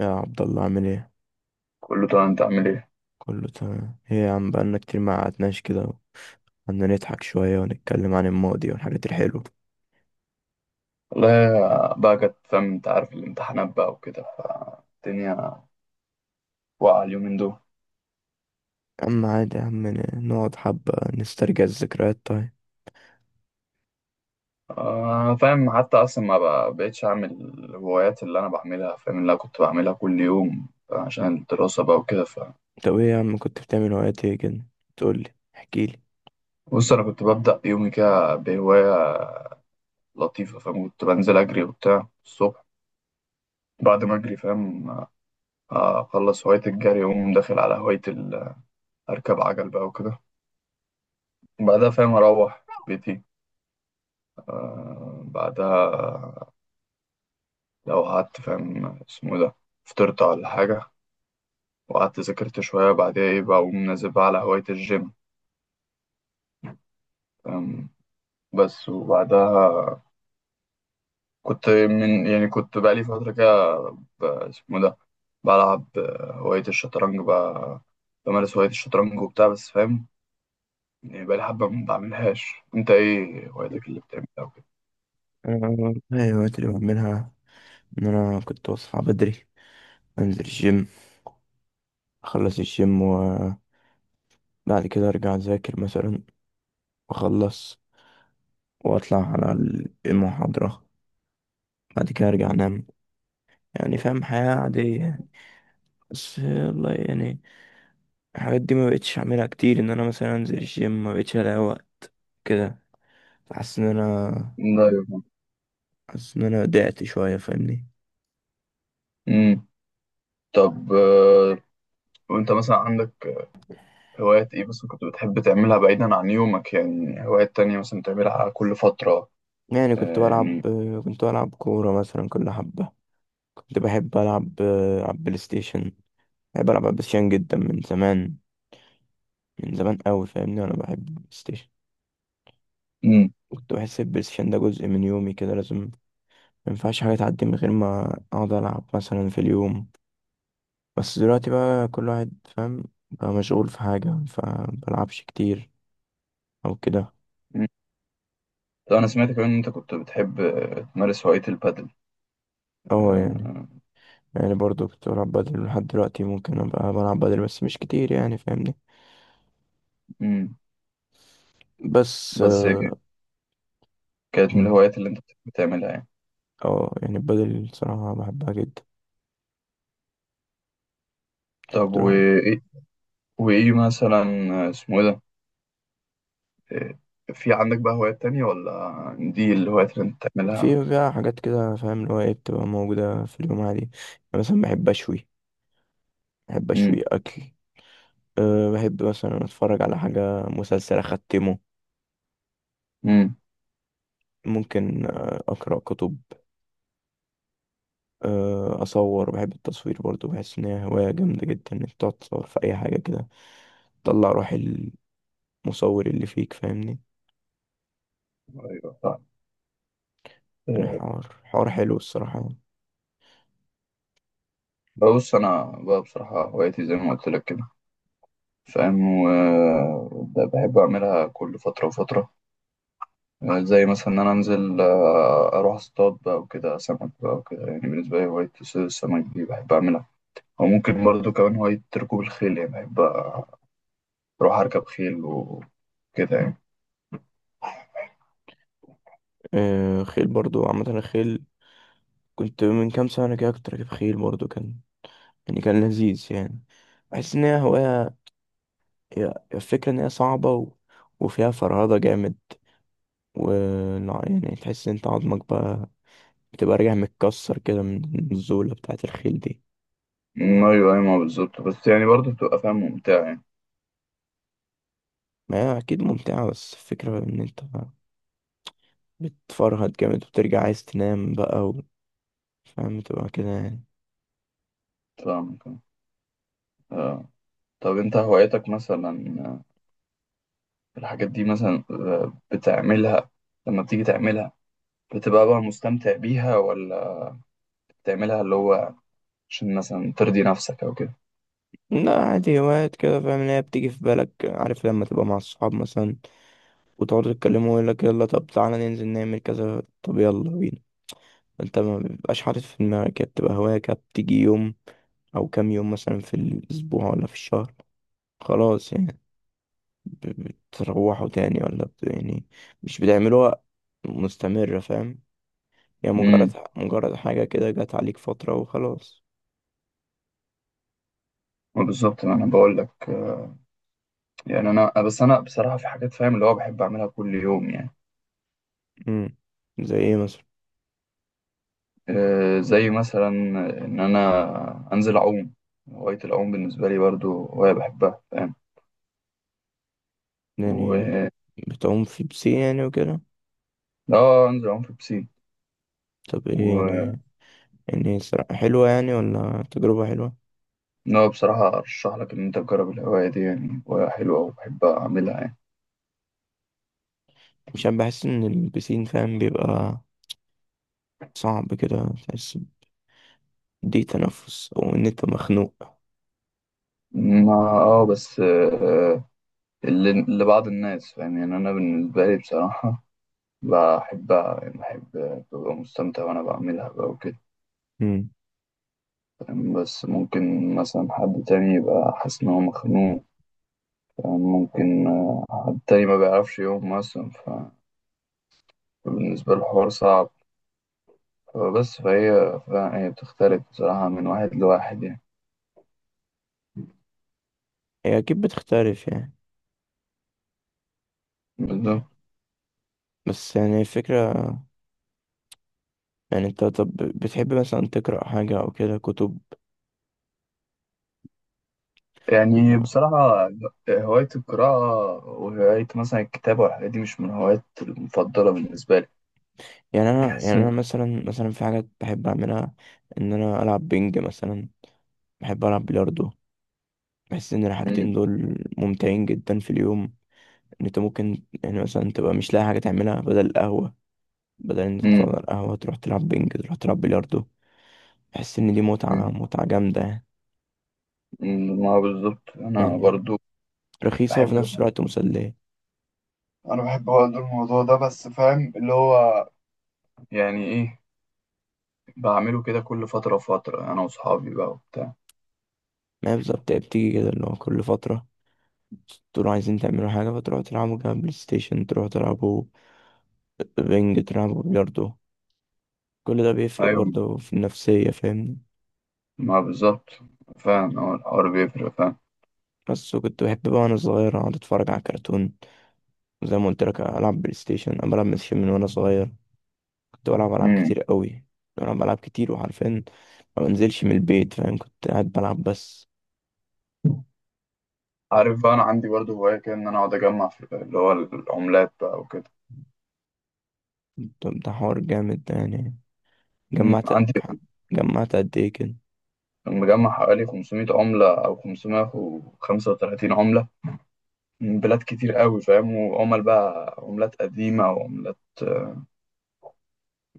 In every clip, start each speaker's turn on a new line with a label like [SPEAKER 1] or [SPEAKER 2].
[SPEAKER 1] يا عبد الله عامل ايه؟
[SPEAKER 2] كله تمام، انت عامل ايه؟
[SPEAKER 1] كله تمام، ايه يا عم بقالنا كتير ما قعدناش كده. قعدنا نضحك شوية ونتكلم عن الماضي والحاجات الحلوة.
[SPEAKER 2] والله. بقى كانت، فاهم، انت عارف الامتحانات بقى وكده، الدنيا واقعة اليومين دول.
[SPEAKER 1] يا عم عادي يا عم، نقعد حبة نسترجع الذكريات. طيب،
[SPEAKER 2] آه، فاهم. حتى اصلا ما بقى- بقتش اعمل الهوايات اللي انا بعملها، فاهم، اللي انا كنت بعملها كل يوم عشان الدراسة بقى وكده، ف
[SPEAKER 1] طب ايه يا عم كنت بتعمل وقت ايه كده؟ تقولي احكيلي.
[SPEAKER 2] بص انا كنت ببدأ يومي كده بهواية لطيفة، فاهم، كنت بنزل اجري وبتاع الصبح. بعد ما اجري، فاهم، اخلص هواية الجري اقوم داخل على اركب عجل بقى وكده. بعدها، فاهم، اروح بيتي. بعدها لو قعدت، فاهم، اسمه إيه ده فطرت ولا حاجة وقعدت ذاكرت شوية وبعديها إيه بقى، أقوم نازل بقى على هواية الجيم، فاهم، بس. وبعدها كنت يعني كنت بقالي فترة كده ب- اسمه إيه ده بلعب، هواية الشطرنج بقى. بمارس هواية الشطرنج وبتاع، بس فاهم يعني بقالي حبة ما بعملهاش. أنت إيه هوايتك اللي بتعملها وكده؟
[SPEAKER 1] انا والله الوقت اللي بعملها ان انا كنت بصحى بدري، انزل الجيم، اخلص الجيم وبعد كده ارجع اذاكر مثلا، واخلص واطلع على المحاضرة، بعد كده ارجع انام. يعني فاهم، حياة عادية. بس والله يعني الحاجات دي ما بقتش اعملها كتير، ان انا مثلا انزل الجيم ما بقتش الاقي وقت كده. حاسس ان انا
[SPEAKER 2] أيوة.
[SPEAKER 1] حاسس ان انا ضعت شويه، فاهمني؟
[SPEAKER 2] أمم. طب، وأنت مثلا عندك هوايات إيه مثلا كنت بتحب تعملها بعيدا عن يومك؟ يعني هوايات تانية مثلا بتعملها كل فترة؟
[SPEAKER 1] يعني
[SPEAKER 2] يعني.
[SPEAKER 1] كنت بلعب كوره مثلا كل حبه. كنت بحب العب بلاي ستيشن. بحب العب بلاي ستيشن جدا من زمان، من زمان قوي، فاهمني؟ انا بحب البلاي ستيشن.
[SPEAKER 2] مم.
[SPEAKER 1] كنت بحس البلاي ستيشن ده جزء من يومي كده، لازم ما ينفعش حاجه تعدي من غير ما اقعد العب مثلا في اليوم. بس دلوقتي بقى كل واحد فاهم، بقى مشغول في حاجة فمبلعبش كتير أو كده.
[SPEAKER 2] مم. طب أنا سمعت كمان إن أنت كنت بتحب تمارس هواية البادل.
[SPEAKER 1] اه يعني،
[SPEAKER 2] آه.
[SPEAKER 1] يعني برضو كنت بلعب بدل لحد دلوقتي، ممكن أبقى بلعب بدل بس مش كتير يعني، فاهمني؟
[SPEAKER 2] مم.
[SPEAKER 1] بس
[SPEAKER 2] بس
[SPEAKER 1] اه،
[SPEAKER 2] كانت من
[SPEAKER 1] مم.
[SPEAKER 2] الهوايات اللي أنت بتحب تعملها يعني.
[SPEAKER 1] آه، يعني البدل صراحة بحبها جدا.
[SPEAKER 2] طب
[SPEAKER 1] تروح...
[SPEAKER 2] وإيه وإيه مثلا. آه، اسمه إيه ده؟ آه، في عندك بقى هوايات تانية ولا دي الهوايات اللي أنت بتعملها؟
[SPEAKER 1] في فيها حاجات كده فاهم اللي هو ايه، بتبقى موجودة في اليوم عادي يعني. مثلا بحب أشوي
[SPEAKER 2] مم.
[SPEAKER 1] أكل. أه بحب مثلا أتفرج على حاجة مسلسل أختمه.
[SPEAKER 2] مم.
[SPEAKER 1] ممكن أقرأ كتب. اصور، بحب التصوير برضو، بحس ان هي هواية جامدة جدا انك تقعد تصور في اي حاجة كده، تطلع روح المصور اللي فيك، فاهمني؟
[SPEAKER 2] أيوه صح.
[SPEAKER 1] يعني
[SPEAKER 2] آه.
[SPEAKER 1] حوار حلو الصراحة يعني.
[SPEAKER 2] بص أنا بقى بصراحة هوايتي زي ما قلت لك كده، فاهم، وبحب أعملها كل فترة وفترة. زي مثلا إن أنا أنزل، أروح أصطاد بقى وكده، سمك بقى وكده. يعني بالنسبة لي هواية صيد السمك دي بحب أعملها. وممكن برضه كمان هواية ركوب الخيل، يعني بحب أروح أركب خيل وكده يعني.
[SPEAKER 1] آه خيل برضو، عامة الخيل كنت من كام سنة كده كنت راكب خيل برضو، كان يعني كان لذيذ يعني. بحس ان هي هواية، هي الفكرة ان هي صعبة و... وفيها فرهدة جامد و... لا، يعني تحس ان انت عظمك بقى بتبقى راجع متكسر كده من الزولة بتاعة الخيل دي.
[SPEAKER 2] أيوة، أيوة، ما بالظبط. بس يعني برضه بتبقى، فاهم، ممتعة يعني.
[SPEAKER 1] ما هي اكيد ممتعة، بس الفكرة ان انت بتفرهد جامد وبترجع عايز تنام بقى و... فاهم، تبقى كده يعني.
[SPEAKER 2] فاهم كده. آه. طب أنت هوايتك مثلا، الحاجات دي مثلا، بتعملها لما بتيجي تعملها بتبقى بقى مستمتع بيها، ولا بتعملها اللي هو عشان مثلا ترضي نفسك او كده؟
[SPEAKER 1] لا، عادي هوايات كده فاهم اللي هي بتيجي في بالك، عارف لما تبقى مع الصحاب مثلا وتقعدوا تتكلموا ويقول لك يلا طب تعالى ننزل نعمل كذا، طب يلا بينا. انت ما بيبقاش حاطط في دماغك، هي بتبقى هواية كده بتيجي يوم او كام يوم مثلا في الاسبوع ولا في الشهر، خلاص يعني. بتروحوا تاني ولا بت... يعني مش بتعملوها مستمرة، فاهم؟ يعني
[SPEAKER 2] امم.
[SPEAKER 1] مجرد حاجة كده جت عليك فترة وخلاص.
[SPEAKER 2] بالظبط، ما انا بقول لك. يعني انا، بس انا بصراحه في حاجات، فاهم، اللي هو بحب اعملها كل يوم يعني.
[SPEAKER 1] امم زي ايه مثلا؟
[SPEAKER 2] زي مثلا ان انا انزل اعوم. هوايه العوم بالنسبه لي برضو هوايه بحبها، فاهم.
[SPEAKER 1] يعني
[SPEAKER 2] و
[SPEAKER 1] بتعوم في بسين يعني وكده؟
[SPEAKER 2] اه، انزل اعوم في البسين.
[SPEAKER 1] طب ايه يعني؟
[SPEAKER 2] و
[SPEAKER 1] يعني حلوة يعني ولا تجربة حلوة؟
[SPEAKER 2] لا، بصراحه ارشح لك ان انت تجرب الهوايه دي، يعني هوايه حلوه وبحب اعملها يعني.
[SPEAKER 1] مش عارف، بحس ان البسين فاهم بيبقى صعب كده، تحس دي تنفس او ان انت مخنوق.
[SPEAKER 2] ما بس اللي لبعض الناس، فاهم، يعني انا بالنسبه لي بصراحه بحبها. يعني بحب، ببقى مستمتع وأنا بعملها بقى وكده.
[SPEAKER 1] امم
[SPEAKER 2] فاهم؟ بس ممكن مثلا حد تاني يبقى حاسس إن هو مخنوق. فاهم؟ ممكن حد تاني ما بيعرفش يقوم مثلا، فبالنسبة له الحوار صعب. فبس فهي بتختلف بصراحة من واحد لواحد يعني.
[SPEAKER 1] هي اكيد بتختلف يعني.
[SPEAKER 2] بالظبط.
[SPEAKER 1] بس يعني الفكرة، يعني انت طب بتحب مثلا تقرأ حاجة او كده كتب؟
[SPEAKER 2] يعني بصراحة هواية القراءة وهواية مثلا الكتابة والحاجات دي مش من الهوايات المفضلة بالنسبة لي. بحس
[SPEAKER 1] يعني
[SPEAKER 2] إن.
[SPEAKER 1] انا مثلا في حاجات بحب اعملها. ان انا العب بينج مثلا، بحب العب بلياردو. بحس ان الحاجتين
[SPEAKER 2] مم.
[SPEAKER 1] دول ممتعين جدا في اليوم. ان انت ممكن يعني مثلا تبقى مش لاقي حاجه تعملها بدل القهوه، بدل ان انت
[SPEAKER 2] مم.
[SPEAKER 1] تقعد على القهوه تروح تلعب بينج، تروح تلعب بلياردو. بحس ان دي متعه جامده،
[SPEAKER 2] مم. ما هو بالظبط. أنا
[SPEAKER 1] يعني
[SPEAKER 2] برضو
[SPEAKER 1] رخيصه وفي
[SPEAKER 2] بحب
[SPEAKER 1] نفس الوقت مسليه.
[SPEAKER 2] انا بحب برضه الموضوع ده، بس فاهم اللي هو يعني ايه، بعمله كده كل فترة وفترة انا واصحابي بقى وبتاع.
[SPEAKER 1] ما هي بالظبط، هي بتيجي كده اللي هو كل فتره تقولوا عايزين تعملوا حاجه فتروحوا تلعبوا كده بلاي ستيشن، تروحوا تلعبوا بينج، تلعبوا بلياردو. كل ده بيفرق
[SPEAKER 2] ايوه،
[SPEAKER 1] برضه في النفسية، فاهمني؟
[SPEAKER 2] ما بالظبط، فاهم. هو الحوار بيفرق، فاهم.
[SPEAKER 1] بس وكنت بحب بقى وأنا صغير أقعد أتفرج على كرتون. وزي ما قلت لك ألعب بلاي ستيشن، أنا بلعب بلاي ستيشن من وأنا صغير. كنت بلعب ألعاب
[SPEAKER 2] امم.
[SPEAKER 1] كتير قوي. كنت بلعب ألعاب كتير وعارفين ما بنزلش من البيت، فاهم؟ كنت قاعد بلعب بس.
[SPEAKER 2] عارف بقى، انا عندي برضه هواية كده ان انا اقعد اجمع في اللي هو العملات بقى وكده.
[SPEAKER 1] طب ده حوار جامد ده يعني، جمعت
[SPEAKER 2] عندي
[SPEAKER 1] جمعت قد إيه كده؟
[SPEAKER 2] مجمع حوالي 500 عملة أو 535 عملة من بلاد كتير قوي، فاهم. وعمل بقى عملات قديمة وعملات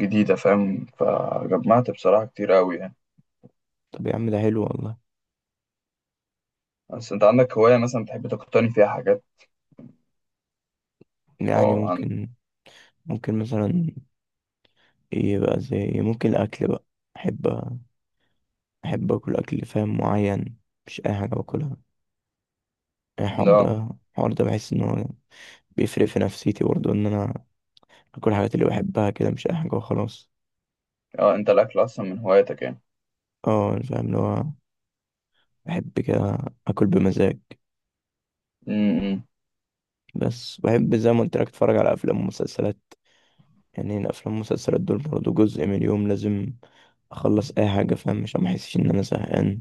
[SPEAKER 2] جديدة فاهم، فجمعت بصراحة كتير قوي يعني.
[SPEAKER 1] طب يا عم ده حلو والله.
[SPEAKER 2] بس انت عندك هواية مثلا بتحب تقتني فيها حاجات؟
[SPEAKER 1] يعني
[SPEAKER 2] اه،
[SPEAKER 1] ممكن مثلا إيه بقى؟ زي إيه؟ ممكن الأكل بقى. أحب أحب أكل فاهم معين، مش أي حاجة باكلها.
[SPEAKER 2] لا.
[SPEAKER 1] الحوار ده بحس ان هو بيفرق في نفسيتي برضه، ان انا اكل الحاجات اللي بحبها كده مش اي حاجه وخلاص.
[SPEAKER 2] اه انت الاكل اصلا من هواياتك يعني؟
[SPEAKER 1] اه أنا فاهم اللي هو بحب كده اكل بمزاج.
[SPEAKER 2] امم.
[SPEAKER 1] بس بحب زي ما قلت لك اتفرج على افلام ومسلسلات. يعني الافلام والمسلسلات دول برضه جزء من اليوم، لازم اخلص اي حاجه فاهم عشان ما احسش ان انا زهقان.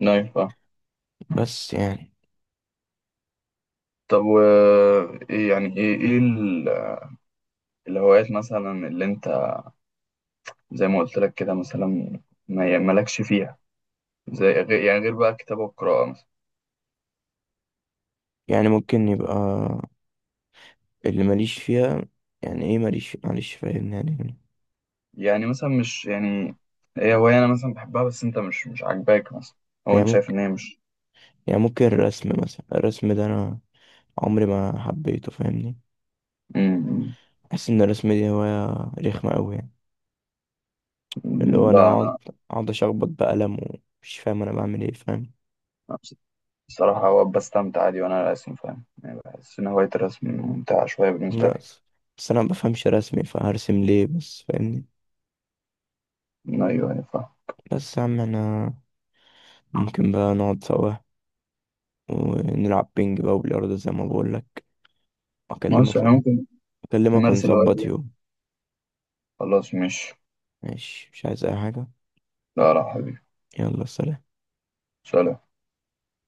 [SPEAKER 2] نايف اه.
[SPEAKER 1] بس يعني
[SPEAKER 2] طب و ايه يعني ايه الهوايات مثلا اللي انت زي ما قلت لك كده مثلا ما مالكش فيها، زي غير يعني غير بقى الكتابة والقراءة مثلا؟
[SPEAKER 1] ممكن يبقى اللي ماليش فيها، يعني ايه ماليش معلش فاهم يعني؟
[SPEAKER 2] يعني مثلا مش يعني هي هواية انا مثلا بحبها، بس انت مش عاجباك مثلا. او
[SPEAKER 1] يعني
[SPEAKER 2] انت شايف
[SPEAKER 1] ممكن
[SPEAKER 2] ان هي مش.
[SPEAKER 1] يعني ممكن الرسم مثلا، الرسم ده انا عمري ما حبيته فاهمني.
[SPEAKER 2] امم.
[SPEAKER 1] بحس ان الرسم دي هواية رخمة أوي يعني، اللي هو انا
[SPEAKER 2] لا،
[SPEAKER 1] اقعد اشخبط بقلم ومش فاهم انا بعمل ايه، فاهم؟
[SPEAKER 2] انا الصراحة هو بستمتع عادي وأنا راسم، فاهم. يعني بحس إن هواية الرسم ممتعة شوية بالنسبة لي.
[SPEAKER 1] ناقص، بس انا مبفهمش رسمي فهرسم ليه بس، فاهمني؟
[SPEAKER 2] أيوه، أيوه، فاهم.
[SPEAKER 1] بس يا عم انا ممكن بقى نقعد سوا ونلعب بينج بقى وبلياردو زي ما بقولك. اكلمك
[SPEAKER 2] مصر إحنا ممكن
[SPEAKER 1] اكلمك
[SPEAKER 2] نمارس الهوايات
[SPEAKER 1] ونظبط
[SPEAKER 2] دي.
[SPEAKER 1] يوم.
[SPEAKER 2] خلاص مش.
[SPEAKER 1] ماشي مش عايز اي حاجة.
[SPEAKER 2] لا، لا، حبيبي.
[SPEAKER 1] يلا سلام.
[SPEAKER 2] سلام.